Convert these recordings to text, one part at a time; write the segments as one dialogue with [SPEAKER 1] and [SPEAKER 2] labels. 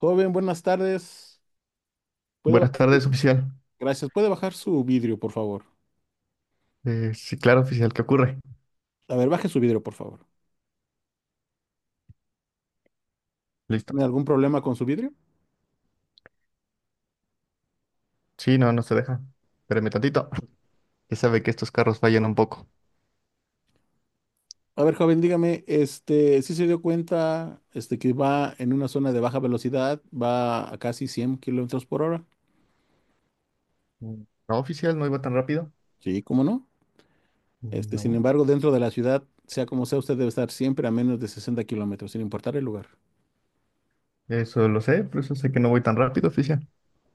[SPEAKER 1] Joven, buenas tardes. Puede bajar,
[SPEAKER 2] Buenas tardes, oficial.
[SPEAKER 1] gracias. ¿Puede bajar su vidrio, por favor?
[SPEAKER 2] Sí, claro, oficial, ¿qué ocurre?
[SPEAKER 1] A ver, baje su vidrio, por favor.
[SPEAKER 2] Listo.
[SPEAKER 1] ¿Tiene algún problema con su vidrio?
[SPEAKER 2] Sí, no, no se deja. Espéreme tantito. Ya sabe que estos carros fallan un poco.
[SPEAKER 1] A ver, joven, dígame, si se dio cuenta, que va en una zona de baja velocidad, ¿va a casi 100 kilómetros por hora?
[SPEAKER 2] Mm, No, oficial, no iba tan rápido.
[SPEAKER 1] Sí, ¿cómo no? Sin
[SPEAKER 2] No,
[SPEAKER 1] embargo, dentro de la ciudad, sea como sea, usted debe estar siempre a menos de 60 kilómetros, sin importar el lugar.
[SPEAKER 2] eso lo sé, por eso sé que no voy tan rápido, oficial.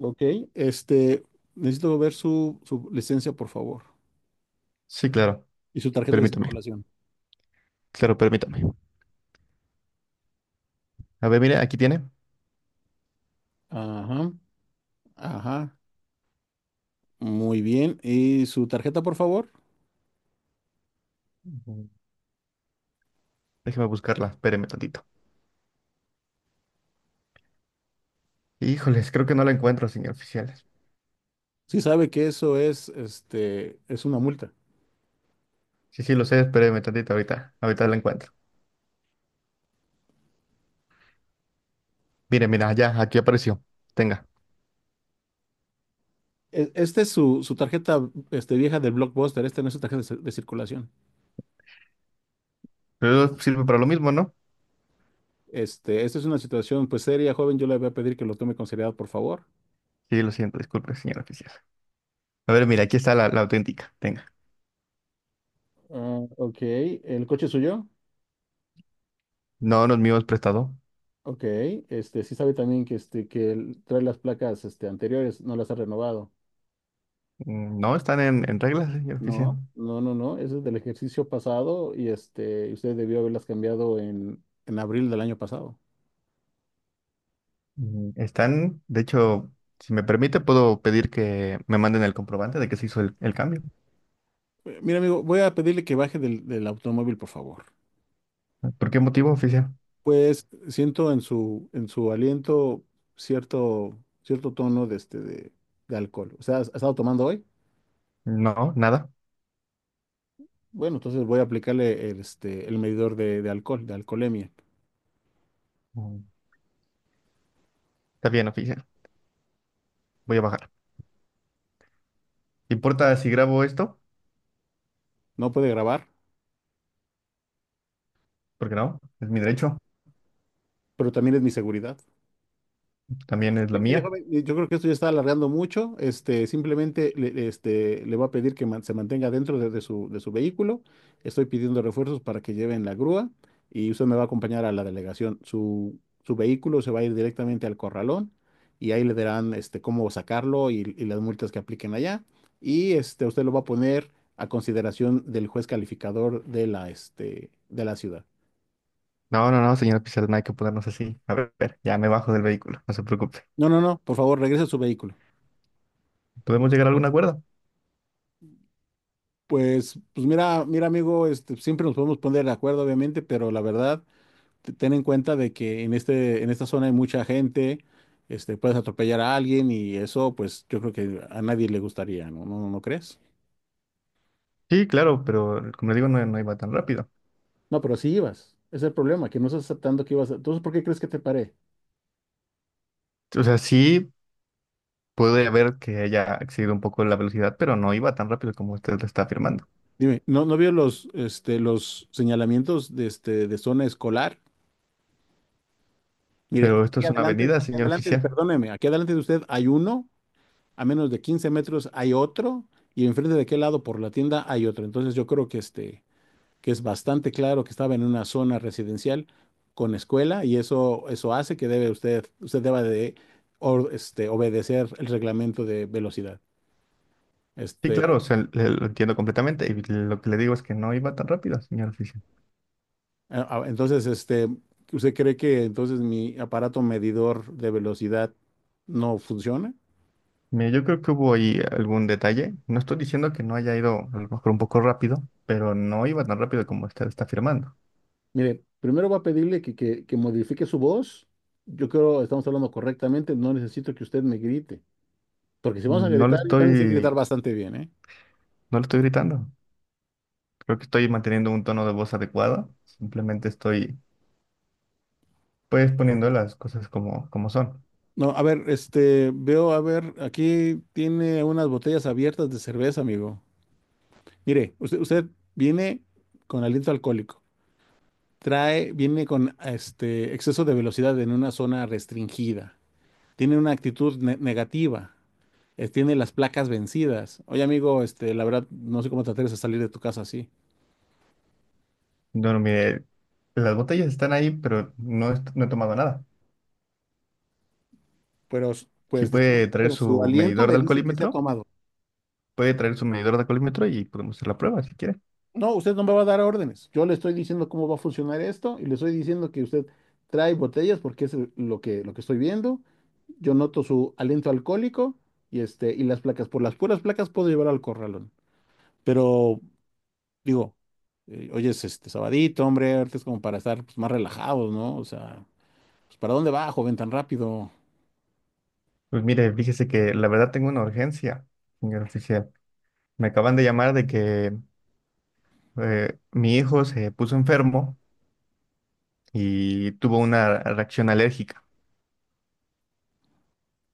[SPEAKER 1] Ok, este, necesito ver su licencia, por favor,
[SPEAKER 2] Sí, claro,
[SPEAKER 1] y su tarjeta de
[SPEAKER 2] permítame.
[SPEAKER 1] circulación.
[SPEAKER 2] Claro, permítame. A ver, mire, aquí tiene.
[SPEAKER 1] Ajá, ajá. Muy bien. ¿Y su tarjeta, por favor?
[SPEAKER 2] Mm, Déjeme buscarla, espéreme tantito. Híjoles, creo que no la encuentro, señor oficial.
[SPEAKER 1] Si sabe que eso es, es una multa.
[SPEAKER 2] Sí, sí, lo sé, espéreme tantito ahorita. Ahorita la encuentro. Mire, mira, ya, aquí apareció. Tenga.
[SPEAKER 1] Esta es su tarjeta, vieja del Blockbuster. Esta no es su tarjeta de, de circulación.
[SPEAKER 2] Pero sirve para lo mismo, ¿no?
[SPEAKER 1] Esta es una situación, pues, seria, joven. Yo le voy a pedir que lo tome con seriedad, por favor.
[SPEAKER 2] Sí, lo siento, disculpe, señor oficial. A ver, mira, aquí está la auténtica. Tenga.
[SPEAKER 1] Ah, ok. ¿El coche es suyo?
[SPEAKER 2] No nos mismos prestado.
[SPEAKER 1] Ok. Sí sabe también que, que él trae las placas, anteriores, no las ha renovado.
[SPEAKER 2] No están en reglas, señor oficial.
[SPEAKER 1] No, no, no, no. Eso es del ejercicio pasado y, usted debió haberlas cambiado en abril del año pasado.
[SPEAKER 2] Están, de hecho, si me permite, puedo pedir que me manden el comprobante de que se hizo el cambio.
[SPEAKER 1] Mira, amigo, voy a pedirle que baje del automóvil, por favor.
[SPEAKER 2] ¿Por qué motivo, oficial?
[SPEAKER 1] Pues siento en su aliento cierto tono de, de alcohol. O sea, has estado tomando hoy?
[SPEAKER 2] No, nada.
[SPEAKER 1] Bueno, entonces voy a aplicarle el medidor de alcohol, de alcoholemia.
[SPEAKER 2] Mm, Está bien, oficial. Voy a bajar. ¿Importa si grabo esto?
[SPEAKER 1] No puede grabar,
[SPEAKER 2] Porque no, es mi derecho.
[SPEAKER 1] pero también es mi seguridad.
[SPEAKER 2] También es la
[SPEAKER 1] Bien, mire,
[SPEAKER 2] mía.
[SPEAKER 1] joven, yo creo que esto ya está alargando mucho. Simplemente le voy a pedir que se mantenga dentro de, de su vehículo. Estoy pidiendo refuerzos para que lleven la grúa y usted me va a acompañar a la delegación. Su vehículo se va a ir directamente al corralón y ahí le darán este, cómo sacarlo y las multas que apliquen allá. Y este, usted lo va a poner a consideración del juez calificador de la, de la ciudad.
[SPEAKER 2] No, no, no, señor oficial, no hay que ponernos así. A ver, ya me bajo del vehículo, no se preocupe.
[SPEAKER 1] No, no, no, por favor, regrese a su vehículo.
[SPEAKER 2] ¿Podemos llegar a algún acuerdo?
[SPEAKER 1] Pues mira, mira, amigo, siempre nos podemos poner de acuerdo, obviamente, pero la verdad, ten en cuenta de que en en esta zona hay mucha gente, puedes atropellar a alguien y eso, pues, yo creo que a nadie le gustaría, ¿no? ¿No, no crees?
[SPEAKER 2] Sí, claro, pero como le digo, no, no iba tan rápido.
[SPEAKER 1] No, pero sí ibas. Ese es el problema, que no estás aceptando que ibas a... Entonces, ¿por qué crees que te paré?
[SPEAKER 2] O sea, sí. Puede haber que haya excedido un poco la velocidad, pero no iba tan rápido como usted lo está afirmando.
[SPEAKER 1] Dime, ¿no, no vio los, los señalamientos de, de zona escolar? Mire,
[SPEAKER 2] Pero esto es una avenida, señor oficial.
[SPEAKER 1] perdóneme, aquí adelante de usted hay uno a menos de 15 metros, hay otro, y enfrente de aquel lado por la tienda hay otro. Entonces yo creo que que es bastante claro que estaba en una zona residencial con escuela y eso hace que debe usted deba de obedecer el reglamento de velocidad.
[SPEAKER 2] Sí, claro,
[SPEAKER 1] Este,
[SPEAKER 2] o sea, lo entiendo completamente y lo que le digo es que no iba tan rápido, señor oficial.
[SPEAKER 1] entonces, ¿usted cree que entonces mi aparato medidor de velocidad no funciona?
[SPEAKER 2] Mire, yo creo que hubo ahí algún detalle. No estoy diciendo que no haya ido a lo mejor un poco rápido, pero no iba tan rápido como usted está afirmando.
[SPEAKER 1] Mire, primero va a pedirle que modifique su voz. Yo creo que estamos hablando correctamente. No necesito que usted me grite. Porque si vamos a
[SPEAKER 2] No le
[SPEAKER 1] gritar, yo también sé gritar
[SPEAKER 2] estoy,
[SPEAKER 1] bastante bien, ¿eh?
[SPEAKER 2] no le estoy gritando. Creo que estoy manteniendo un tono de voz adecuado. Simplemente estoy, pues, poniendo las cosas como, como son.
[SPEAKER 1] No, a ver, veo, a ver, aquí tiene unas botellas abiertas de cerveza, amigo. Mire, usted viene con aliento alcohólico. Trae, viene con este exceso de velocidad en una zona restringida. Tiene una actitud negativa. Tiene las placas vencidas. Oye, amigo, la verdad, no sé cómo te atreves a salir de tu casa así.
[SPEAKER 2] No, mire, las botellas están ahí, pero no, no he tomado nada.
[SPEAKER 1] Pero,
[SPEAKER 2] Si
[SPEAKER 1] pues,
[SPEAKER 2] puede
[SPEAKER 1] disculpe,
[SPEAKER 2] traer
[SPEAKER 1] pero su
[SPEAKER 2] su
[SPEAKER 1] aliento
[SPEAKER 2] medidor
[SPEAKER 1] me
[SPEAKER 2] de
[SPEAKER 1] dice que se ha
[SPEAKER 2] alcoholímetro,
[SPEAKER 1] tomado.
[SPEAKER 2] puede traer su medidor de alcoholímetro y podemos hacer la prueba si quiere.
[SPEAKER 1] No, usted no me va a dar órdenes. Yo le estoy diciendo cómo va a funcionar esto y le estoy diciendo que usted trae botellas porque es lo que estoy viendo. Yo noto su aliento alcohólico y, y las placas. Por las puras placas puedo llevar al corralón. Pero digo, oye, es este sabadito, hombre, ahorita es como para estar, pues, más relajados, ¿no? O sea, pues, ¿para dónde va, joven, tan rápido?
[SPEAKER 2] Pues mire, fíjese que la verdad tengo una urgencia, señor oficial. Me acaban de llamar de que mi hijo se puso enfermo y tuvo una reacción alérgica.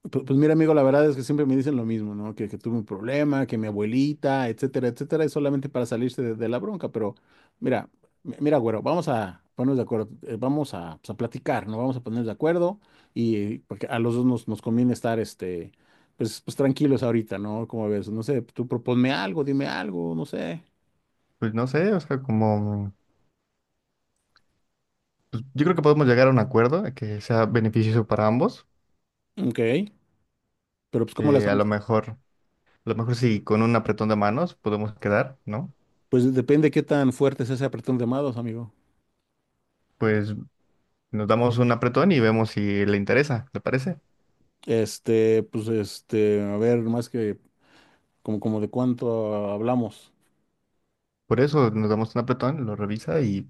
[SPEAKER 1] Pues, mira, amigo, la verdad es que siempre me dicen lo mismo, ¿no? Que tuve un problema, que mi abuelita, etcétera, etcétera, es solamente para salirse de la bronca, pero mira, mira, güero, vamos a ponernos de acuerdo, vamos a, pues, a platicar, ¿no? Vamos a ponernos de acuerdo y porque a los dos nos conviene estar, pues, pues tranquilos ahorita, ¿no? Como ves, no sé, tú proponme algo, dime algo, no sé.
[SPEAKER 2] Pues no sé, o sea, como... pues yo creo que podemos llegar a un acuerdo de que sea beneficioso para ambos.
[SPEAKER 1] Ok, pero pues, ¿cómo la
[SPEAKER 2] A
[SPEAKER 1] estamos?
[SPEAKER 2] lo mejor, a lo mejor sí, con un apretón de manos podemos quedar, ¿no?
[SPEAKER 1] Pues depende qué tan fuerte es ese apretón de mados, amigo.
[SPEAKER 2] Pues nos damos un apretón y vemos si le interesa, ¿le parece?
[SPEAKER 1] A ver, más que como, como de cuánto hablamos.
[SPEAKER 2] Por eso nos damos un apretón, lo revisa y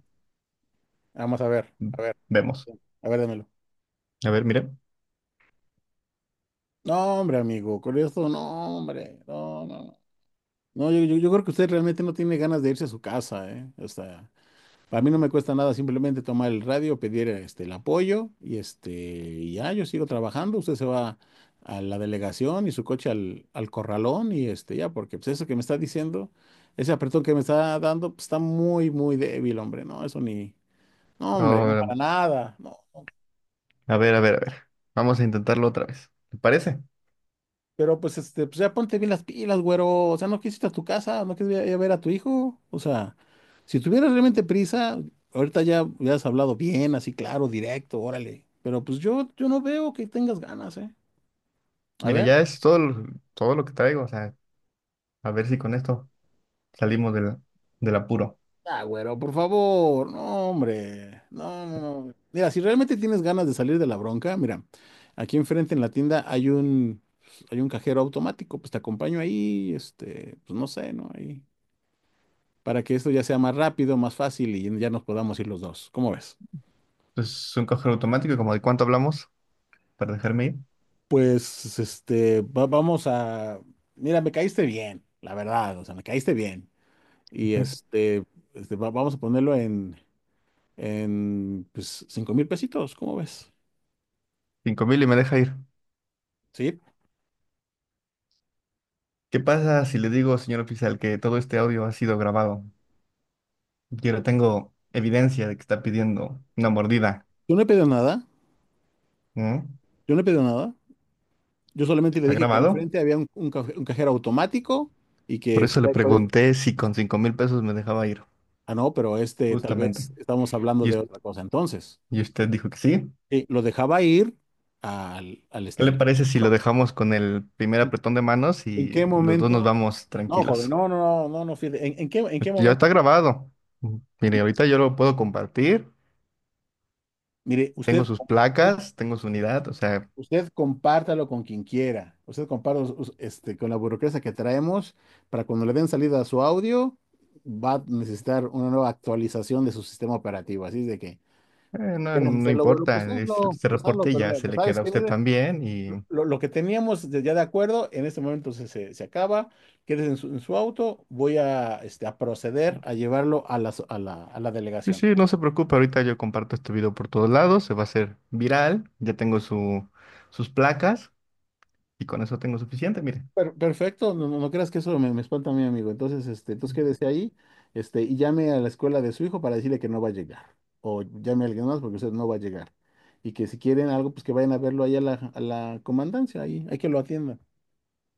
[SPEAKER 1] Vamos a ver,
[SPEAKER 2] vemos.
[SPEAKER 1] a ver, dámelo.
[SPEAKER 2] A ver, mire.
[SPEAKER 1] No, hombre, amigo, con esto, no, hombre, no, no, no. No, yo creo que usted realmente no tiene ganas de irse a su casa, ¿eh? O sea, para mí no me cuesta nada simplemente tomar el radio, pedir este, el apoyo y este, y ya, yo sigo trabajando, usted se va a la delegación y su coche al corralón y este, ya, porque pues eso que me está diciendo, ese apretón que me está dando, pues, está muy, muy débil, hombre, no, eso ni, no, hombre, no,
[SPEAKER 2] Ahora,
[SPEAKER 1] para nada, no.
[SPEAKER 2] a ver, a ver, a ver. Vamos a intentarlo otra vez. ¿Le parece?
[SPEAKER 1] Pero pues, pues ya ponte bien las pilas, güero. O sea, no quisiste a tu casa, no quisiste ir a ver a tu hijo. O sea, si tuvieras realmente prisa, ahorita ya hubieras hablado bien, así claro, directo, órale. Pero pues yo no veo que tengas ganas, ¿eh? A
[SPEAKER 2] Mire,
[SPEAKER 1] ver.
[SPEAKER 2] ya es todo, todo lo que traigo. O sea, a ver si con esto salimos del apuro.
[SPEAKER 1] Ah, güero, por favor. No, hombre. No, no, no. Mira, si realmente tienes ganas de salir de la bronca, mira, aquí enfrente en la tienda hay un cajero automático. Pues te acompaño ahí, este, pues no sé, ¿no? Ahí, para que esto ya sea más rápido, más fácil y ya nos podamos ir los dos. ¿Cómo ves?
[SPEAKER 2] Es un cajero automático, como de cuánto hablamos, para dejarme ir.
[SPEAKER 1] Vamos a... Mira, me caíste bien, la verdad, o sea, me caíste bien. Y vamos a ponerlo en, pues, 5000 pesitos, ¿cómo ves?
[SPEAKER 2] 5,000 y me deja ir.
[SPEAKER 1] Sí.
[SPEAKER 2] ¿Qué pasa si le digo, señor oficial, que todo este audio ha sido grabado? Yo le tengo evidencia de que está pidiendo una mordida.
[SPEAKER 1] Yo no he pedido nada,
[SPEAKER 2] Mm,
[SPEAKER 1] yo no he pedido nada. Yo solamente le
[SPEAKER 2] ¿Está
[SPEAKER 1] dije que
[SPEAKER 2] grabado?
[SPEAKER 1] enfrente había un un cajero automático y que
[SPEAKER 2] Por
[SPEAKER 1] usted
[SPEAKER 2] eso le
[SPEAKER 1] ahí puede...
[SPEAKER 2] pregunté si con 5,000 pesos me dejaba ir,
[SPEAKER 1] Ah, no, pero este, tal
[SPEAKER 2] justamente.
[SPEAKER 1] vez estamos hablando
[SPEAKER 2] Y,
[SPEAKER 1] de otra cosa entonces.
[SPEAKER 2] y usted dijo que sí.
[SPEAKER 1] Lo dejaba ir al, al
[SPEAKER 2] ¿Qué
[SPEAKER 1] este
[SPEAKER 2] le
[SPEAKER 1] al-
[SPEAKER 2] parece si lo
[SPEAKER 1] Pero,
[SPEAKER 2] dejamos con el primer
[SPEAKER 1] ¿en,
[SPEAKER 2] apretón de manos
[SPEAKER 1] en qué
[SPEAKER 2] y los dos nos
[SPEAKER 1] momento?
[SPEAKER 2] vamos
[SPEAKER 1] No, joven,
[SPEAKER 2] tranquilos?
[SPEAKER 1] no, no, no, no, no, fíjate, ¿en, en
[SPEAKER 2] Pues
[SPEAKER 1] qué
[SPEAKER 2] ya
[SPEAKER 1] momento?
[SPEAKER 2] está grabado. Mire, ahorita yo lo puedo compartir.
[SPEAKER 1] Mire,
[SPEAKER 2] Tengo sus
[SPEAKER 1] usted,
[SPEAKER 2] placas, tengo su unidad, o sea,
[SPEAKER 1] usted compártalo con quien quiera. Usted compártalo este, con la burocracia que traemos para cuando le den salida a su audio, va a necesitar una nueva actualización de su sistema operativo. Así es de que,
[SPEAKER 2] no,
[SPEAKER 1] ¿quieres
[SPEAKER 2] no
[SPEAKER 1] hacerlo, güero?
[SPEAKER 2] importa. Ese
[SPEAKER 1] Pues hazlo,
[SPEAKER 2] reporte
[SPEAKER 1] pero
[SPEAKER 2] ya
[SPEAKER 1] mira,
[SPEAKER 2] se
[SPEAKER 1] pues
[SPEAKER 2] le
[SPEAKER 1] sabes
[SPEAKER 2] queda a
[SPEAKER 1] que
[SPEAKER 2] usted también y...
[SPEAKER 1] lo que teníamos ya de acuerdo, en este momento se acaba, quedes en su auto, voy a, a proceder a llevarlo a la, a la, a la
[SPEAKER 2] Sí,
[SPEAKER 1] delegación.
[SPEAKER 2] sí, no se preocupe, ahorita yo comparto este video por todos lados, se va a hacer viral, ya tengo sus placas, y con eso tengo suficiente, mire.
[SPEAKER 1] Perfecto, no, no, no creas que eso me espanta a mi amigo. Entonces, entonces quédese ahí, y llame a la escuela de su hijo para decirle que no va a llegar. O llame a alguien más porque usted no va a llegar. Y que si quieren algo, pues que vayan a verlo ahí a la comandancia, ahí, hay que lo atiendan.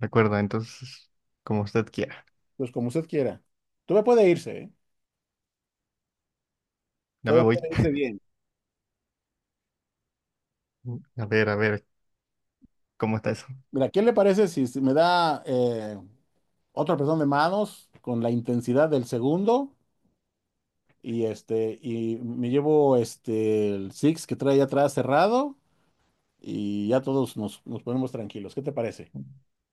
[SPEAKER 2] Recuerda, entonces, como usted quiera.
[SPEAKER 1] Pues como usted quiera. Todavía puede irse, ¿eh?
[SPEAKER 2] Ya me
[SPEAKER 1] Todavía
[SPEAKER 2] voy.
[SPEAKER 1] puede irse bien.
[SPEAKER 2] A ver, ¿cómo está eso?
[SPEAKER 1] Mira, ¿qué le parece si me da otro apretón de manos con la intensidad del segundo? Y este, y me llevo este el Six que trae atrás cerrado y ya todos nos, nos ponemos tranquilos. ¿Qué te parece?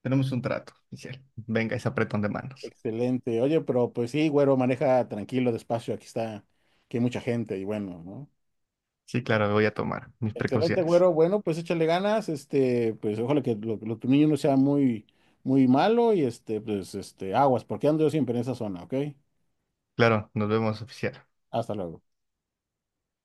[SPEAKER 2] Tenemos un trato, oficial. Venga ese apretón de manos.
[SPEAKER 1] Excelente. Oye, pero pues sí, güero, maneja tranquilo, despacio, aquí está, que hay mucha gente y bueno, ¿no?
[SPEAKER 2] Sí, claro, voy a tomar mis
[SPEAKER 1] Excelente,
[SPEAKER 2] precauciones.
[SPEAKER 1] güero. Bueno, pues échale ganas, pues ojalá que tu niño no sea muy, muy malo y este, pues este, aguas, porque ando yo siempre en esa zona, ¿ok?
[SPEAKER 2] Claro, nos vemos, oficial.
[SPEAKER 1] Hasta luego.